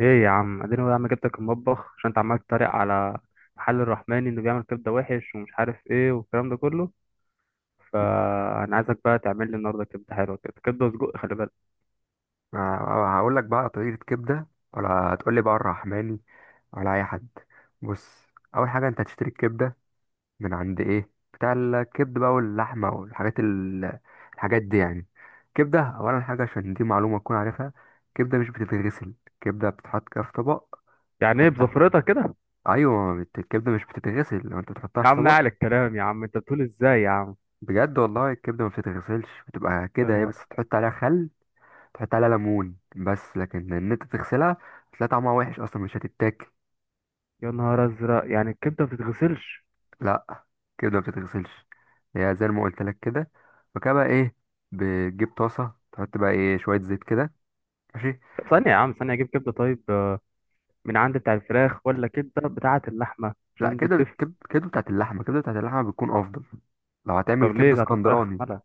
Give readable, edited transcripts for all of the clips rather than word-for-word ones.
ايه يا عم، اديني يا عم، جبتك المطبخ عشان انت عمال تتريق على محل الرحماني انه بيعمل كبده وحش ومش عارف ايه والكلام ده كله. فانا عايزك بقى تعمل لي النهارده كبده حلوه كده، كبده وسجق. خلي بالك. هقول لك بقى طريقة كبدة، ولا هتقول لي بقى الرحماني، ولا اي حد؟ بص، اول حاجة انت هتشتري الكبدة من عند ايه بتاع الكبد بقى، واللحمة والحاجات الحاجات دي يعني. كبدة اولا حاجة، عشان دي معلومة تكون عارفها. كبدة مش بتتغسل، كبدة بتتحط كده في طبق، يعني ايه تحطها. بزفرتك كده؟ ايوه، الكبدة مش بتتغسل، لو انت بتحطها يا في عم اعلى طبق. الكلام، يا عم انت بتقول ازاي يا عم؟ بجد والله، الكبدة ما بتتغسلش، بتبقى يا كده هي، نهار! بس تحط عليها خل، تحط عليها ليمون بس. لكن ان انت تغسلها، هتلاقي طعمها وحش اصلا، مش هتتاكل. يا نهار ازرق! يعني الكبده ما بتتغسلش؟ لا، كده ما بتتغسلش، هي زي ما قلت لك كده. فكده بقى ايه، بتجيب طاسه، تحط بقى ايه شويه زيت كده. ماشي. ثانيه يا عم، ثانيه. اجيب كبده، طيب، من عند بتاع الفراخ ولا كبده بتاعه اللحمه؟ لا، عشان دي بتفرق. كده بتاعت اللحمه، كده بتاعت اللحمه بتكون افضل، لو هتعمل طب ليه كبده بتاعه الفراخ اسكندراني. مالها؟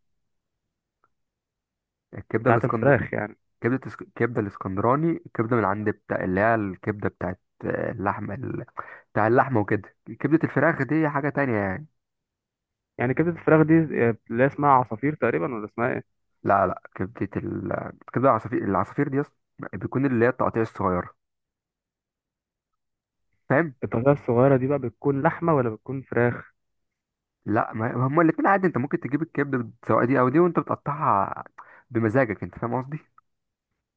الكبده بتاعه الاسكندر الفراخ يعني؟ الكبده الاسكندراني، الكبده من عند بتاع اللي هي الكبده بتاعت اللحمه بتاع اللحمه، وكده. كبده الفراخ دي حاجه تانية يعني. يعني كبده الفراخ دي اللي اسمها عصافير تقريبا، ولا اسمها ايه؟ لا، لا، كبدة العصافير. بيكون اللي هي التقطيع الصغيرة، فاهم. الطاسة الصغيرة دي بقى بتكون لحمة ولا بتكون فراخ؟ لا، ما هما الاتنين عادي، انت ممكن تجيب الكبدة سواء دي او دي، وانت بتقطعها بمزاجك، انت فاهم قصدي.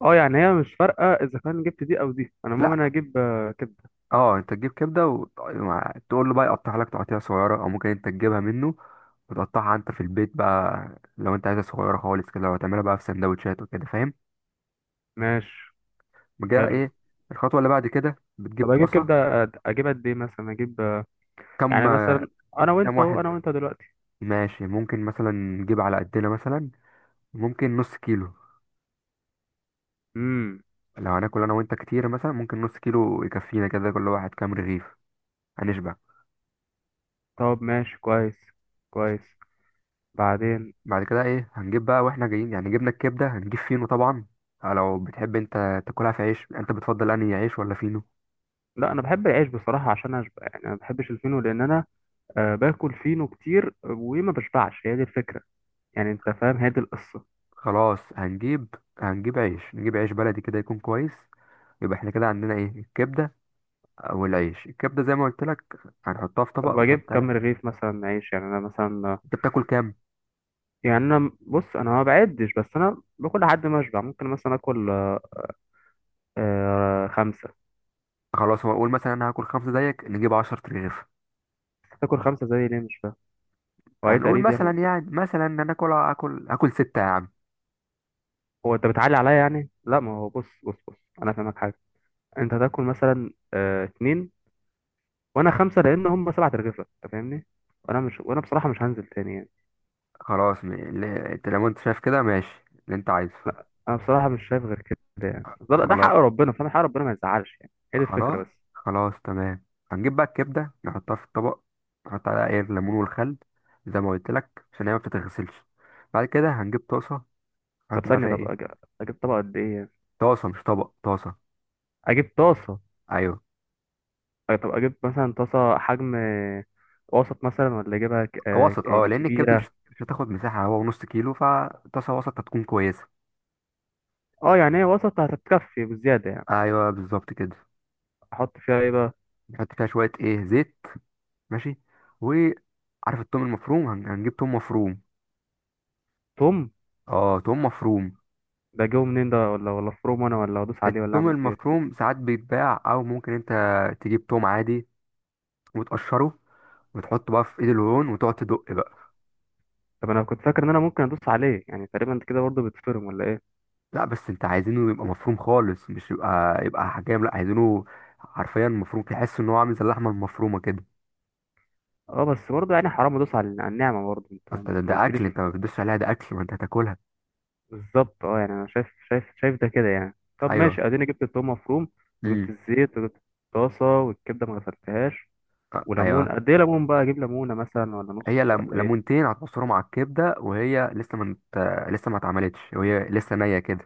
اه، يعني هي مش فارقة اذا كان جبت دي او دي. انا المهم لا، انا اجيب كبدة. اه، انت تجيب كبدة وتقول له بقى يقطعها لك تقطيع صغيرة، او ممكن انت تجيبها منه وتقطعها انت في البيت بقى، لو انت عايزها صغيرة خالص كده، وتعملها بقى في سندوتشات وكده، فاهم. ماشي. بقى حلو. ايه الخطوة اللي بعد كده، طب بتجيب اجيب طاسة. كبدة، اجيب قد ايه؟ مثلا اجيب، كم؟ يعني مثلا، انا كم وانت اهو، واحد؟ انا وانت دلوقتي. ماشي، ممكن مثلا نجيب على قدنا، مثلا ممكن نص كيلو. امم. لو هناكل انا وانت كتير مثلا، ممكن نص كيلو يكفينا كده، كل واحد كام رغيف، هنشبع. طب ماشي، كويس كويس. بعدين. بعد كده ايه، هنجيب بقى واحنا جايين يعني، جبنا الكبده، هنجيب فينو طبعا. آه، لو بتحب انت تاكلها في عيش، انت بتفضل انهي عيش ولا فينو؟ لا، انا بحب العيش بصراحة عشان اشبع. يعني انا ما بحبش الفينو لان انا باكل فينو كتير وما بشبعش. هي دي الفكرة. يعني انت فاهم، هي دي القصة. خلاص، هنجيب عيش، نجيب عيش بلدي كده، يكون كويس. يبقى احنا كده عندنا ايه الكبده، او العيش. الكبده زي ما قلت لك، هنحطها في طب طبق اجيب ونحط كام عليها. رغيف مثلا عيش؟ يعني انا مثلا، انت بتاكل كام؟ يعني انا بص، انا ما بعدش، بس انا باكل لحد ما اشبع. ممكن مثلا اكل خمسه. خلاص، هو اقول مثلا انا هاكل خمسه زيك، نجيب 10 رغيف. تاكل خمسه زي ليه؟ مش فاهم. هو ايه، هنقول تقليد يعني مثلا، ولا إيه؟ يعني مثلا ان انا اكل ستة يا عم. هو انت بتعلي عليا يعني؟ لا، ما هو بص بص بص، انا فاهمك حاجه. انت تاكل مثلا اتنين وانا خمسه، لان هم سبعة رغيفه، انت فاهمني. وانا بصراحه مش هنزل تاني يعني. خلاص، انت لو انت شايف كده ماشي اللي انت عايزه. انا بصراحه مش شايف غير كده. يعني ده حق خلاص، ربنا، فاهم؟ حق ربنا ما يزعلش يعني. هي دي الفكره خلاص، بس. خلاص، تمام. هنجيب بقى الكبدة، نحطها في الطبق، نحط عليها ايه الليمون والخل، زي ما قلت لك، عشان هي ما بتتغسلش. بعد كده هنجيب طاسة، طب نحط بقى ثانيه، فيها ايه. اجيب طبق قد ايه يعني؟ طاسة مش طبق، طاسة. اجيب طاسه. ايوه. طب اجيب مثلا طاسه حجم وسط مثلا، ولا اجيبها ك... آه، وسط، اه، يعني لان الكبدة كبيره؟ مش هتاخد مساحة، هو نص كيلو، فطاسة وسط هتكون كويسة. اه، يعني هي وسط هتتكفي بزياده يعني. ايوه بالظبط كده. احط فيها ايه بقى؟ نحط فيها شوية ايه زيت. ماشي. وعارف التوم المفروم، هنجيب توم مفروم. توم؟ اه، توم مفروم. ده جوه منين ده، ولا فروم انا، ولا ادوس عليه، ولا التوم اعمل فيه إيه؟ المفروم ساعات بيتباع، او ممكن انت تجيب توم عادي، وتقشره، وتحطه بقى في ايد الهون وتقعد تدق بقى. طب انا كنت فاكر ان انا ممكن ادوس عليه، يعني تقريبا انت كده برضه بتفرم ولا ايه؟ لا، بس انت عايزينه يبقى مفروم خالص، مش يبقى حجام. لا، عايزينه حرفيا مفروم، تحس ان هو عامل زي اللحمه المفرومه كده. اه بس برضه يعني حرام ادوس على النعمه، برضه انت. ما انت ده, ما ده اكل، قلتليش انت ما الحوار. بتدوسش عليها، ده اكل ما انت هتاكلها. بالظبط، اه يعني انا شايف شايف شايف ده كده يعني. طب ايوه. ماشي، اديني جبت التوم مفروم. وجبت امم. الزيت، وجبت الطاسه والكبده ما غسلتهاش. وليمون ايوه. قد ايه؟ ليمون بقى اجيب ليمونه مثلا ولا هي نص ولا ايه؟ ليمونتين هتعصرهم على الكبده، وهي لسه ما مت... لسه ما اتعملتش، وهي لسه نيه كده.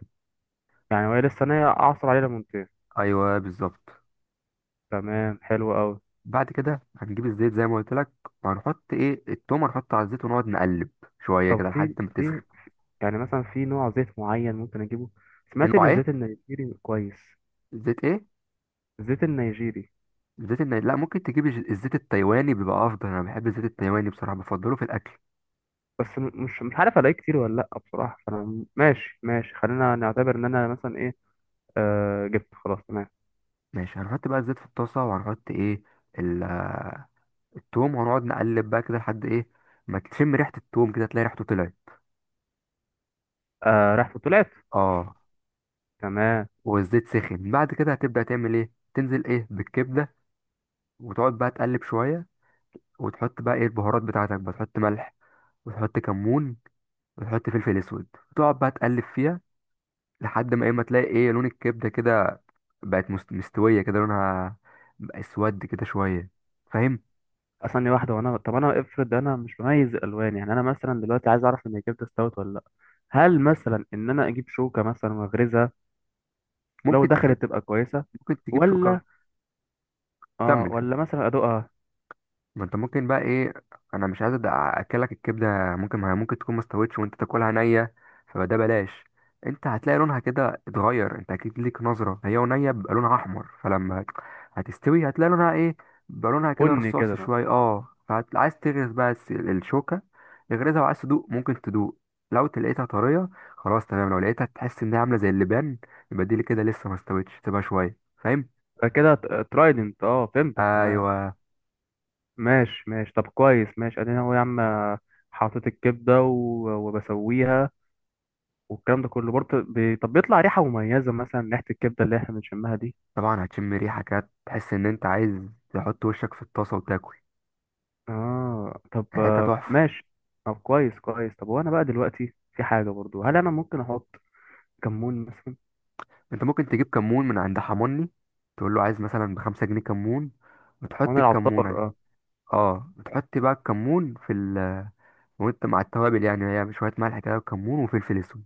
يعني وهي لسه نيه اعصر عليه ليمونتين؟ ايوه بالظبط. تمام، حلو قوي. بعد كده هنجيب الزيت زي ما قلت لك، وهنحط ايه التوم، هنحطه على الزيت، ونقعد نقلب شويه طب كده لحد في ما في تسخن. يعني مثلا في نوع زيت معين ممكن اجيبه؟ في سمعت نوع ان ايه؟ الزيت النيجيري كويس. زيت ايه؟ الزيت النيجيري. لا، ممكن تجيب الزيت التايواني، بيبقى افضل. انا بحب الزيت التايواني بصراحه، بفضله في الاكل. بس مش عارف الاقيه كتير ولا لا، بصراحه فانا ماشي ماشي، خلينا نعتبر ان انا مثلا ايه، جبت خلاص، تمام. ماشي، هنحط بقى الزيت في الطاسه، وهنحط ايه ال... آه، التوم، وهنقعد نقلب بقى كده لحد ايه، ما تشم ريحه التوم كده، تلاقي ريحته طلعت. رحت طلعت. اه. تمام. والزيت سخن. بعد كده هتبدأ تعمل ايه، تنزل ايه بالكبدة، وتقعد بقى تقلب شوية، وتحط بقى ايه البهارات بتاعتك بقى، تحط ملح، وتحط كمون، وتحط فلفل اسود، وتقعد بقى تقلب فيها لحد ما ايه، ما تلاقي ايه لون الكبدة كده بقت مستوية كده، لونها بقى اسود كده شوية، فاهم. ثانية واحدة، طب انا افرض انا مش بميز الالوان، يعني انا مثلا دلوقتي عايز اعرف ان الجبنة استوت ولا لا. هل مثلا ان انا اجيب شوكة مثلا واغرزها؟ لو ممكن تجيب دخلت تبقى كويسة. ممكن تجيب شوكة. ولا؟ اه، كمل، كمل. ولا مثلا ادوقها؟ ما انت ممكن بقى ايه، انا مش عايز اكلك الكبده، ممكن ما هي ممكن تكون ما استوتش، وانت تاكلها نيه، فده بلاش. انت هتلاقي لونها كده اتغير، انت اكيد ليك نظره، هي ونيه بيبقى لونها احمر، فلما هتستوي هتلاقي لونها ايه، بيبقى لونها كده بن كده رصاصي مثلا. شويه. اه، فعايز تغرز بقى الشوكه، اغرزها، وعايز تدوق، ممكن تدوق. لو لقيتها طريه، خلاص تمام. لو لقيتها تحس انها عامله زي اللبان، يبقى دي اللي كده لسه ما استوتش، تبقى شويه، فاهم. فكده ترايدنت، اه فهمتك تمام. ايوه ماشي ماشي، طب كويس، ماشي ادينا اهو يا عم. حطيت الكبدة وبسويها، والكلام ده كله برضه طب بيطلع ريحة مميزة مثلا، ريحة الكبدة اللي احنا بنشمها دي؟ طبعا، هتشم ريحة كده، تحس ان انت عايز تحط وشك في الطاسة وتاكل، اه، طب ريحتها تحفة. ماشي. طب كويس كويس، طب وانا بقى دلوقتي في حاجه برضو، هل انا ممكن احط كمون مثلا؟ انت ممكن تجيب كمون من عند حموني، تقول له عايز مثلا بـ5 جنيه كمون، حيوان وتحط الكمون العطار، عليه. اه. اه، وتحط بقى الكمون في ال وانت مع التوابل يعني، هي شوية ملح كده، وكمون، وفلفل اسود،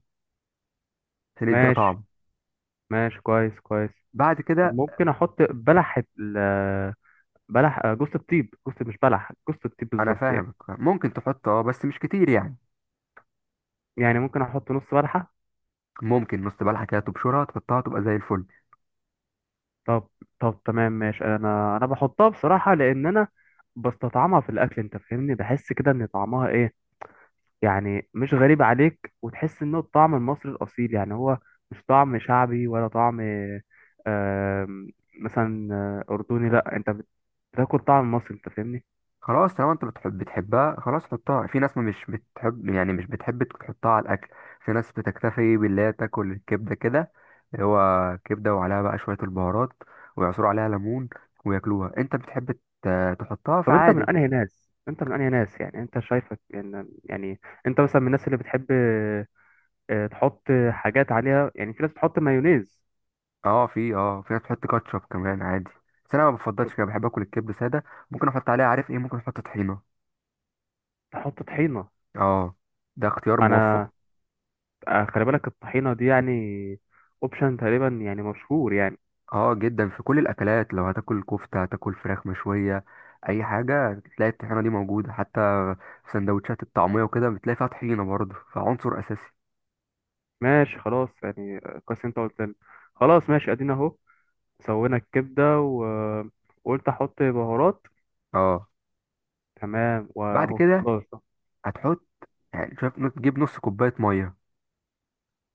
عشان يديها ماشي طعم. ماشي، كويس كويس. بعد طب كده، ممكن احط بلح، جوز الطيب، جوز مش بلح، جوز الطيب انا بالظبط يعني. فاهمك، ممكن تحط، اه، بس مش كتير يعني. يعني ممكن احط نص بلحه؟ ممكن نص بلحة كده، تبشرها، تحطها، تبقى زي الفل. طب طب تمام، ماشي، انا بحطها بصراحه لان انا بستطعمها في الاكل انت فاهمني، بحس كده ان طعمها ايه. يعني مش غريب عليك، وتحس انه الطعم المصري الاصيل يعني. هو مش طعم شعبي ولا طعم آم، مثلا اردني. لا، انت بتاكل طعم مصري انت فاهمني. خلاص، طالما انت بتحبها، خلاص حطها. في ناس ما مش بتحب يعني، مش بتحب تحطها على الاكل، في ناس بتكتفي باللي هي تاكل الكبده كده، اللي هو كبده وعليها بقى شويه البهارات، ويعصروا عليها ليمون وياكلوها. انت بتحب تحطها، طب فعادي. انت من انهي ناس، يعني انت شايفك يعني, يعني انت مثلا من الناس اللي بتحب تحط حاجات عليها، يعني في ناس بتحط مايونيز. اه، في ناس بتحط كاتشب كمان، عادي. بس انا ما بفضلش كده، بحب اكل الكبده ساده. ممكن احط عليها عارف ايه، ممكن احط طحينه. تحط طحينة؟ اه، ده اختيار موفق. انا خلي بالك الطحينة دي يعني اوبشن تقريبا، يعني مشهور يعني. اه، جدا، في كل الاكلات، لو هتاكل كفته، هتاكل فراخ مشويه، اي حاجه، تلاقي الطحينه دي موجوده، حتى في سندوتشات الطعميه وكده بتلاقي فيها طحينه برضه، فعنصر اساسي. ماشي خلاص، يعني كويس انت قلت لي. خلاص ماشي ادينا اهو. سوينا الكبده وقلت احط بهارات. اه. تمام بعد واهو كده خلاص. هتحط، يعني شوف، تجيب نص كوبايه ميه،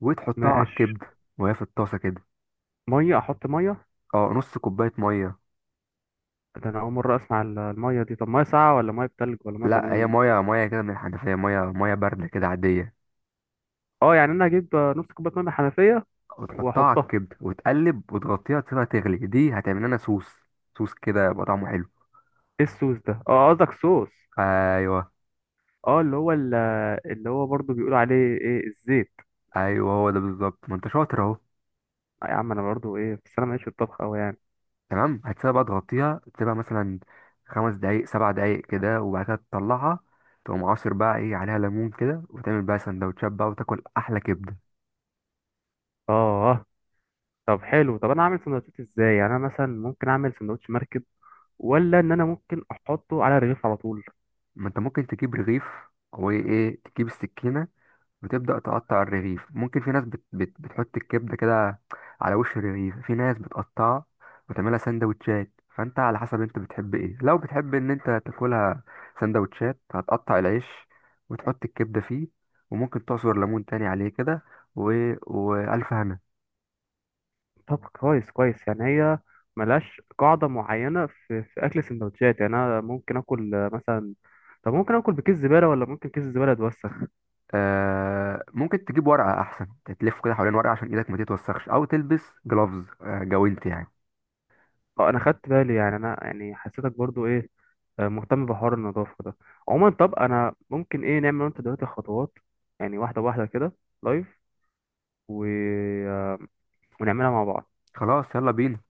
وتحطها على ماشي. الكبده وهي في الطاسه كده. ميه؟ احط ميه؟ اه، نص كوبايه ميه. ده انا اول مره اسمع الميه دي. طب ميه ساقعه ولا ميه بتلج ولا ميه لا، هي بليمون؟ ميه، ميه كده من الحنفيه، ميه ميه بارده كده، عاديه. اه، يعني انا اجيب نص كوبايه ميه من الحنفيه وتحطها على واحطها. الكبده، وتقلب، وتغطيها، تسيبها تغلي، دي هتعمل لنا صوص، صوص كده يبقى طعمه حلو. ايه الصوص ده؟ اه قصدك صوص. ايوه. اه، اللي هو برضو بيقولوا عليه، ايه، الزيت. ايوه، هو ده بالظبط، ما انت شاطر اهو. يا عم انا برضو ايه، بس انا ماليش في الطبخ قوي يعني. تمام، هتسيبها بقى تغطيها، تسيبها مثلا 5 دقايق، 7 دقايق كده، وبعد كده تطلعها، تقوم عاصر بقى ايه عليها ليمون كده، وتعمل بقى سندوتشات بقى، وتاكل احلى كبده. اه طب حلو. طب انا اعمل سندوتشات ازاي؟ يعني انا مثلا ممكن اعمل سندوتش مركب، ولا ان انا ممكن احطه على الرغيف على طول؟ ما انت ممكن تجيب رغيف، او ايه، تجيب السكينه، وتبدأ تقطع الرغيف. ممكن في ناس بت بت بتحط الكبدة كده على وش الرغيف، في ناس بتقطعها وتعملها سندوتشات. فانت على حسب انت بتحب ايه، لو بتحب ان انت تاكلها سندوتشات، هتقطع العيش، وتحط الكبدة فيه، وممكن تعصر ليمون تاني عليه كده، و... وألف هنا. طب كويس كويس، يعني هي ملهاش قاعدة معينة في اكل السندوتشات. يعني انا ممكن اكل مثلا، طب ممكن اكل بكيس زبالة ولا ممكن كيس الزبالة يتوسخ؟ آه، ممكن تجيب ورقة أحسن، تلف كده حوالين ورقة، عشان إيدك ما تتوسخش، أو تلبس جلوفز جوانت يعني. اه، انا خدت بالي. يعني انا يعني حسيتك برضو ايه، مهتم بحوار النظافة ده. عموما، طب انا ممكن ايه، نعمل انت دلوقتي خطوات، يعني واحدة واحدة كده، لايف و... آه، ونعملها مع بعض. خلاص، يلا بينا.